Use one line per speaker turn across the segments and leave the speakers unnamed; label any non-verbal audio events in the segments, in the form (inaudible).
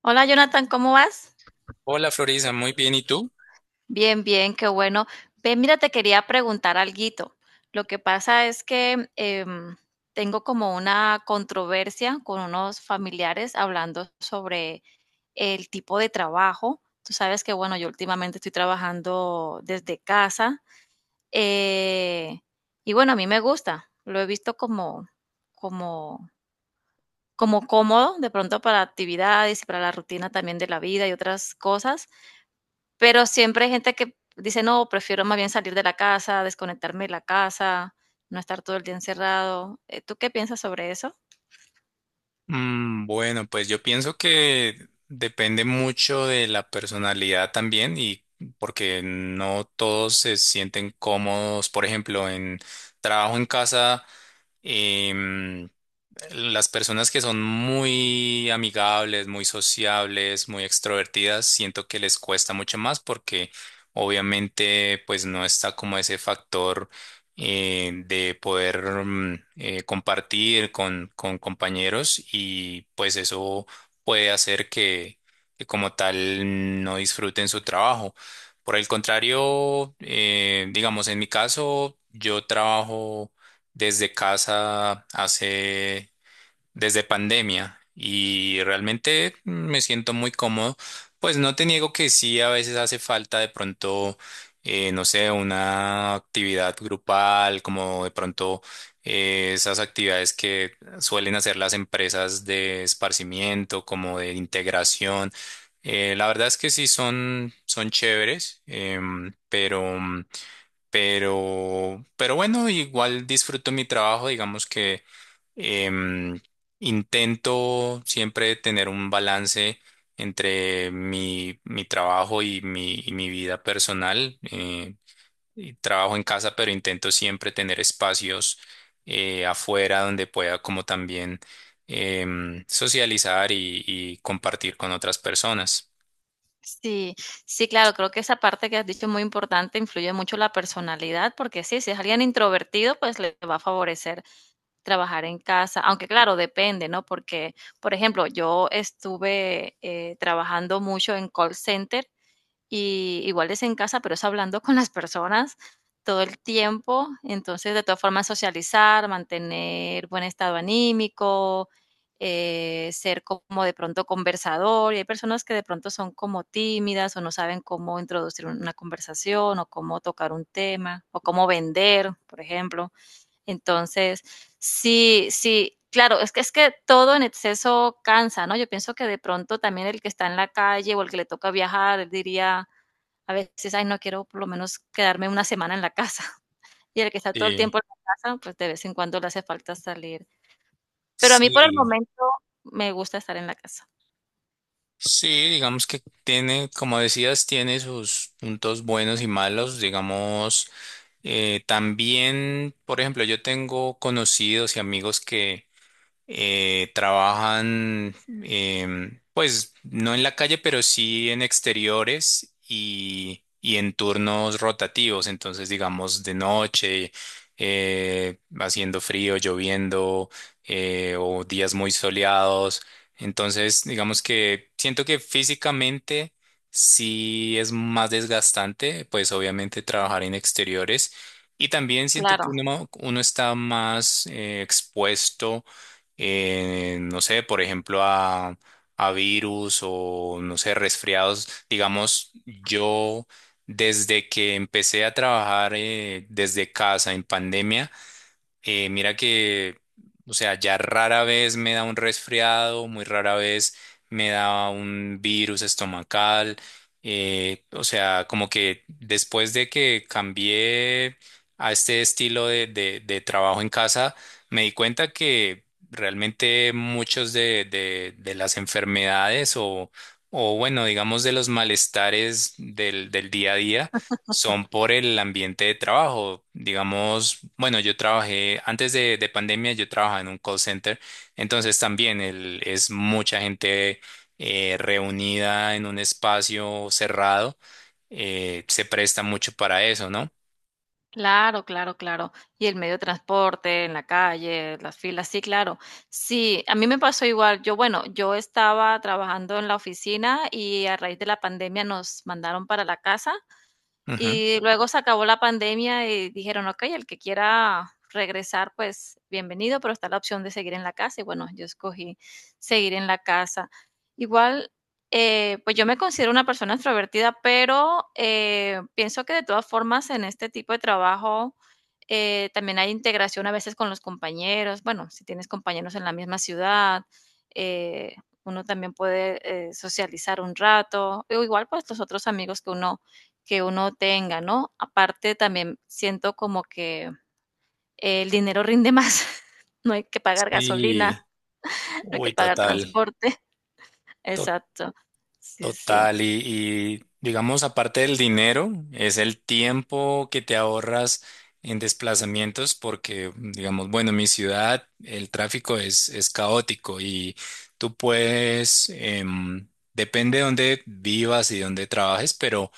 Hola Jonathan, ¿cómo vas?
Hola Florisa, muy bien. ¿Y tú?
Bien, bien, qué bueno. Ve, mira, te quería preguntar alguito. Lo que pasa es que tengo como una controversia con unos familiares hablando sobre el tipo de trabajo. Tú sabes que, bueno, yo últimamente estoy trabajando desde casa eh, y bueno, a mí me gusta. Lo he visto como, como cómodo de pronto para actividades y para la rutina también de la vida y otras cosas. Pero siempre hay gente que dice: "No, prefiero más bien salir de la casa, desconectarme de la casa, no estar todo el día encerrado". ¿Tú qué piensas sobre eso?
Bueno, pues yo pienso que depende mucho de la personalidad también y porque no todos se sienten cómodos, por ejemplo, en trabajo en casa. em, Las personas que son muy amigables, muy sociables, muy extrovertidas, siento que les cuesta mucho más porque obviamente pues no está como ese factor de poder compartir con compañeros y pues eso puede hacer que como tal no disfruten su trabajo. Por el contrario, digamos en mi caso, yo trabajo desde casa hace desde pandemia y realmente me siento muy cómodo. Pues no te niego que sí, a veces hace falta de pronto, no sé, una actividad grupal, como de pronto esas actividades que suelen hacer las empresas de esparcimiento, como de integración. La verdad es que sí son chéveres, pero bueno, igual disfruto mi trabajo, digamos que Em, intento siempre tener un balance entre mi trabajo y mi vida personal. Y trabajo en casa, pero intento siempre tener espacios afuera donde pueda como también socializar y compartir con otras personas.
Sí, sí, claro, creo que esa parte que has dicho es muy importante, influye mucho la personalidad, porque sí, si es alguien introvertido, pues le va a favorecer trabajar en casa, aunque claro, depende, ¿no? Porque, por ejemplo, yo estuve, trabajando mucho en call center. Y igual es en casa, pero es hablando con las personas todo el tiempo. Entonces, de todas formas, socializar, mantener buen estado anímico, ser como de pronto conversador. Y hay personas que de pronto son como tímidas o no saben cómo introducir una conversación o cómo tocar un tema o cómo vender, por ejemplo. Entonces, sí, sí. Claro, es que todo en exceso cansa, ¿no? Yo pienso que de pronto también el que está en la calle o el que le toca viajar, él diría, a veces, ay, no quiero por lo menos quedarme una semana en la casa. (laughs) Y el que está todo el tiempo
Sí,
en la casa, pues de vez en cuando le hace falta salir. Pero a mí por el
sí,
momento me gusta estar en la casa.
sí, digamos que tiene, como decías, tiene sus puntos buenos y malos, digamos. También, por ejemplo, yo tengo conocidos y amigos que trabajan, pues no en la calle, pero sí en exteriores y en turnos rotativos. Entonces, digamos, de noche, haciendo frío, lloviendo, o días muy soleados. Entonces, digamos que siento que físicamente sí es más desgastante, pues obviamente trabajar en exteriores. Y también siento que
Claro,
uno está más expuesto no sé, por ejemplo, a virus o, no sé, resfriados. Digamos, yo desde que empecé a trabajar desde casa en pandemia, mira que, o sea, ya rara vez me da un resfriado, muy rara vez me da un virus estomacal. O sea, como que después de que cambié a este estilo de trabajo en casa, me di cuenta que realmente muchos de las enfermedades o bueno, digamos de los malestares del día a día, son por el ambiente de trabajo. Digamos, bueno, yo trabajé antes de pandemia, yo trabajaba en un call center, entonces también es mucha gente reunida en un espacio cerrado, se presta mucho para eso, ¿no?
claro, claro, claro. Y el medio de transporte, en la calle, las filas, sí, claro. Sí, a mí me pasó igual. Yo, bueno, yo estaba trabajando en la oficina y a raíz de la pandemia nos mandaron para la casa.
Ujú.
Y luego se acabó la pandemia y dijeron, ok, el que quiera regresar, pues bienvenido, pero está la opción de seguir en la casa. Y bueno, yo escogí seguir en la casa. Igual, pues yo me considero una persona extrovertida, pero pienso que de todas formas en este tipo de trabajo también hay integración a veces con los compañeros. Bueno, si tienes compañeros en la misma ciudad, eh, uno también puede socializar un rato. O igual, pues los otros amigos que uno tenga, ¿no? Aparte también siento como que el dinero rinde más, (laughs) no hay que pagar gasolina,
Sí,
no hay que
uy,
pagar
total.
transporte. (laughs) Exacto. Sí, sí.
Total, y, digamos, aparte del dinero, es el tiempo que te ahorras en desplazamientos porque, digamos, bueno, en mi ciudad el tráfico es caótico y tú puedes, depende de dónde vivas y dónde trabajes, pero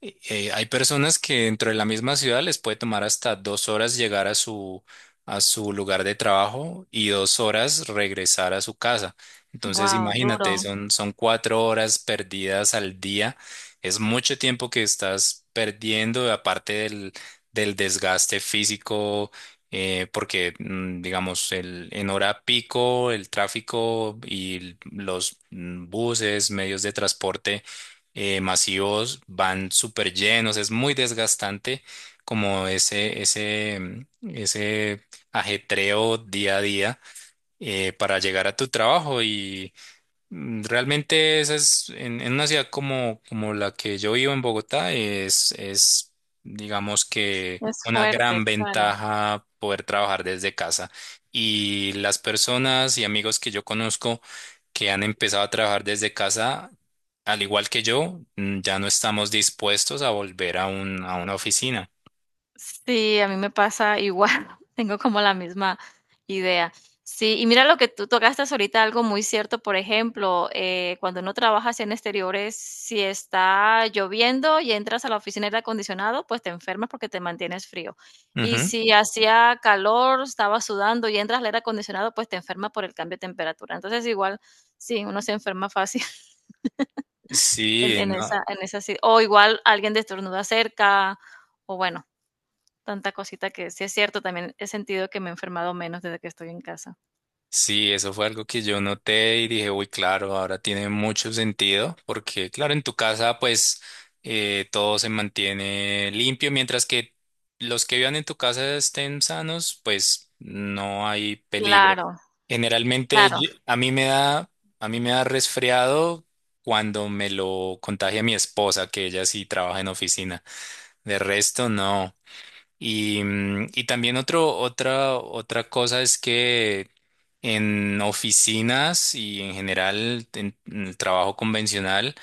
hay personas que dentro de la misma ciudad les puede tomar hasta dos horas llegar a su lugar de trabajo y dos horas regresar a su casa. Entonces,
Wow,
imagínate,
duro.
son cuatro horas perdidas al día. Es mucho tiempo que estás perdiendo, aparte del desgaste físico, porque, digamos, en hora pico, el tráfico y los buses, medios de transporte masivos van súper llenos, es muy desgastante como ese ajetreo día a día para llegar a tu trabajo y realmente esa es, en una ciudad como la que yo vivo en Bogotá, es, digamos que
Es
una
fuerte,
gran
claro.
ventaja poder trabajar desde casa. Y las personas y amigos que yo conozco que han empezado a trabajar desde casa, al igual que yo, ya no estamos dispuestos a volver a a una oficina.
Sí, a mí me pasa igual, (laughs) tengo como la misma idea. Sí, y mira lo que tú tocaste ahorita, algo muy cierto, por ejemplo, cuando uno trabaja así en exteriores, si está lloviendo y entras a la oficina de aire acondicionado, pues te enfermas porque te mantienes frío. Y
Ujú.
si hacía calor, estaba sudando y entras al aire acondicionado, pues te enfermas por el cambio de temperatura. Entonces, igual, sí, uno se enferma fácil (laughs)
Sí, no.
en esa, si- o igual alguien te estornuda cerca, o bueno. Tanta cosita que sí es cierto, también he sentido que me he enfermado menos desde que estoy en casa.
Sí, eso fue algo que yo noté y dije, uy, claro, ahora tiene mucho sentido, porque claro, en tu casa pues todo se mantiene limpio, mientras que los que vivan en tu casa estén sanos, pues no hay peligro.
Claro,
Generalmente
claro,
a mí me da resfriado cuando me lo contagia mi esposa, que ella sí trabaja en oficina. De resto, no. Y, y también otra cosa es que en oficinas y en general en el trabajo convencional,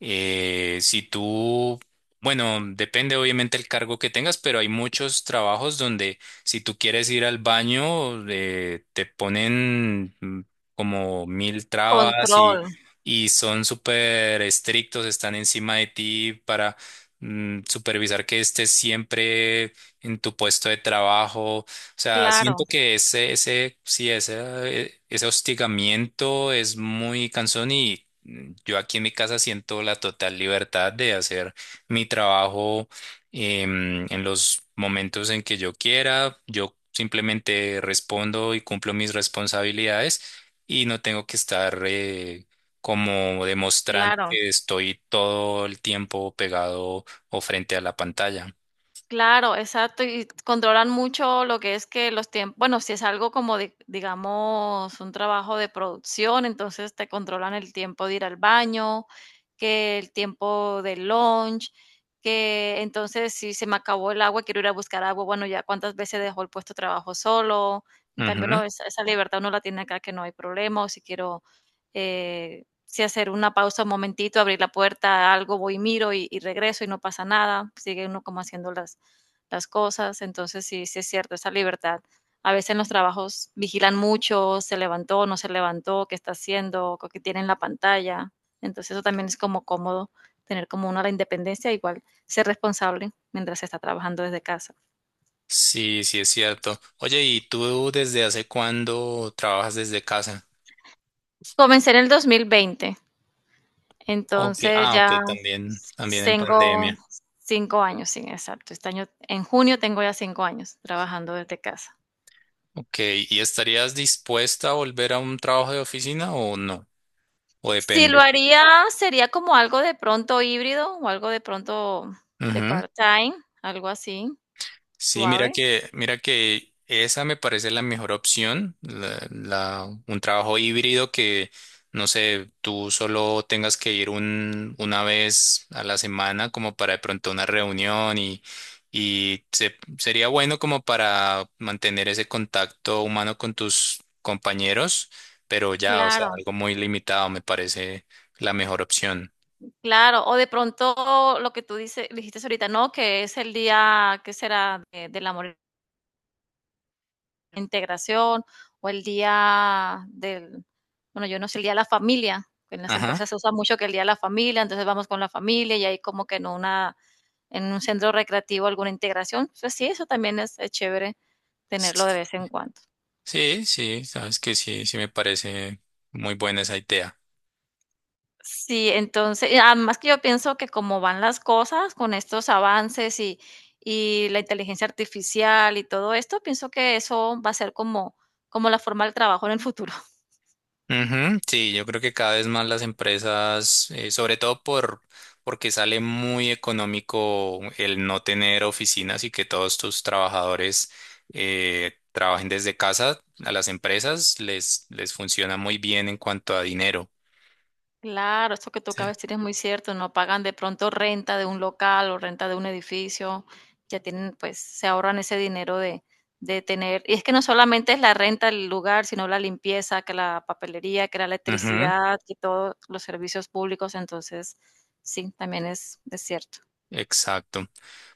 si tú, bueno, depende obviamente el cargo que tengas, pero hay muchos trabajos donde si tú quieres ir al baño, te ponen como mil trabas y,
control,
y son súper estrictos, están encima de ti para supervisar que estés siempre en tu puesto de trabajo. O sea,
claro,
siento que sí, ese hostigamiento es muy cansón y yo aquí en mi casa siento la total libertad de hacer mi trabajo en los momentos en que yo quiera. Yo simplemente respondo y cumplo mis responsabilidades y no tengo que estar como demostrando
claro.
que estoy todo el tiempo pegado o frente a la pantalla.
Claro, exacto, y controlan mucho lo que es que los tiempos, bueno, si es algo como digamos un trabajo de producción, entonces te controlan el tiempo de ir al baño, que el tiempo del lunch, que entonces si se me acabó el agua, quiero ir a buscar agua, bueno, ya cuántas veces dejó el puesto de trabajo solo. En cambio, no, esa libertad uno la tiene acá que no hay problema, o si quiero si hacer una pausa un momentito, abrir la puerta, algo, voy y miro y regreso y no pasa nada. Sigue uno como haciendo las cosas. Entonces, sí, sí es cierto, esa libertad. A veces en los trabajos vigilan mucho, se levantó, no se levantó, qué está haciendo, qué tiene en la pantalla. Entonces, eso también es como cómodo tener como una la independencia, igual ser responsable mientras se está trabajando desde casa.
Sí, sí es cierto. Oye, ¿y tú desde hace cuándo trabajas desde casa?
Comencé en el 2020,
Okay,
entonces
ah,
ya
ok, también en
tengo
pandemia.
5 años, sí, exacto. Este año, en junio tengo ya 5 años trabajando desde casa.
Ok, ¿y estarías dispuesta a volver a un trabajo de oficina o no? O
Si lo
depende.
haría, sería como algo de pronto híbrido o algo de pronto de
Ujú.
part-time, algo así,
Sí, mira
suave.
que, mira que esa me parece la mejor opción, un trabajo híbrido que, no sé, tú solo tengas que ir una vez a la semana como para de pronto una reunión y sería bueno como para mantener ese contacto humano con tus compañeros, pero ya, o sea,
Claro,
algo muy limitado me parece la mejor opción.
claro. O de pronto lo que tú dices, dijiste ahorita, ¿no? Que es el día, ¿qué será? Del amor e la integración o el día del, bueno, yo no sé, el día de la familia. En las
Ajá.
empresas se usa mucho que el día de la familia, entonces vamos con la familia y ahí como que en una, en un centro recreativo alguna integración. Entonces sí, eso también es chévere tenerlo de vez en cuando.
Sí, sí, sabes que sí, sí me parece muy buena esa idea.
Sí, entonces, y además que yo pienso que como van las cosas con estos avances y la inteligencia artificial y todo esto, pienso que eso va a ser como la forma del trabajo en el futuro.
Ujú. Sí, yo creo que cada vez más las empresas, sobre todo porque sale muy económico el no tener oficinas y que todos tus trabajadores trabajen desde casa, a las empresas les funciona muy bien en cuanto a dinero.
Claro, esto que tú
Sí.
acabas de decir es muy cierto, no pagan de pronto renta de un local o renta de un edificio, ya tienen, pues se ahorran ese dinero de tener, y es que no solamente es la renta del lugar, sino la limpieza, que la papelería, que la
Ujú.
electricidad, que todos los servicios públicos, entonces sí, también es cierto.
Exacto.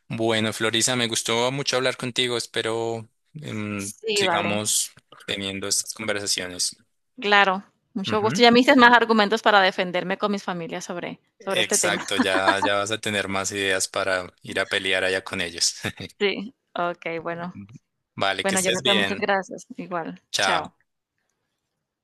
Bueno, Florisa, me gustó mucho hablar contigo. Espero
Sí, vale,
sigamos teniendo estas conversaciones.
claro, mucho gusto.
Ujú.
Ya me diste más argumentos para defenderme con mis familias sobre este tema.
Exacto,
(laughs)
ya vas a tener más ideas para ir a pelear allá con ellos. (laughs)
Sí, ok, bueno,
Vale, que
bueno,
estés
Jonathan, muchas
bien.
gracias, igual,
Chao.
chao.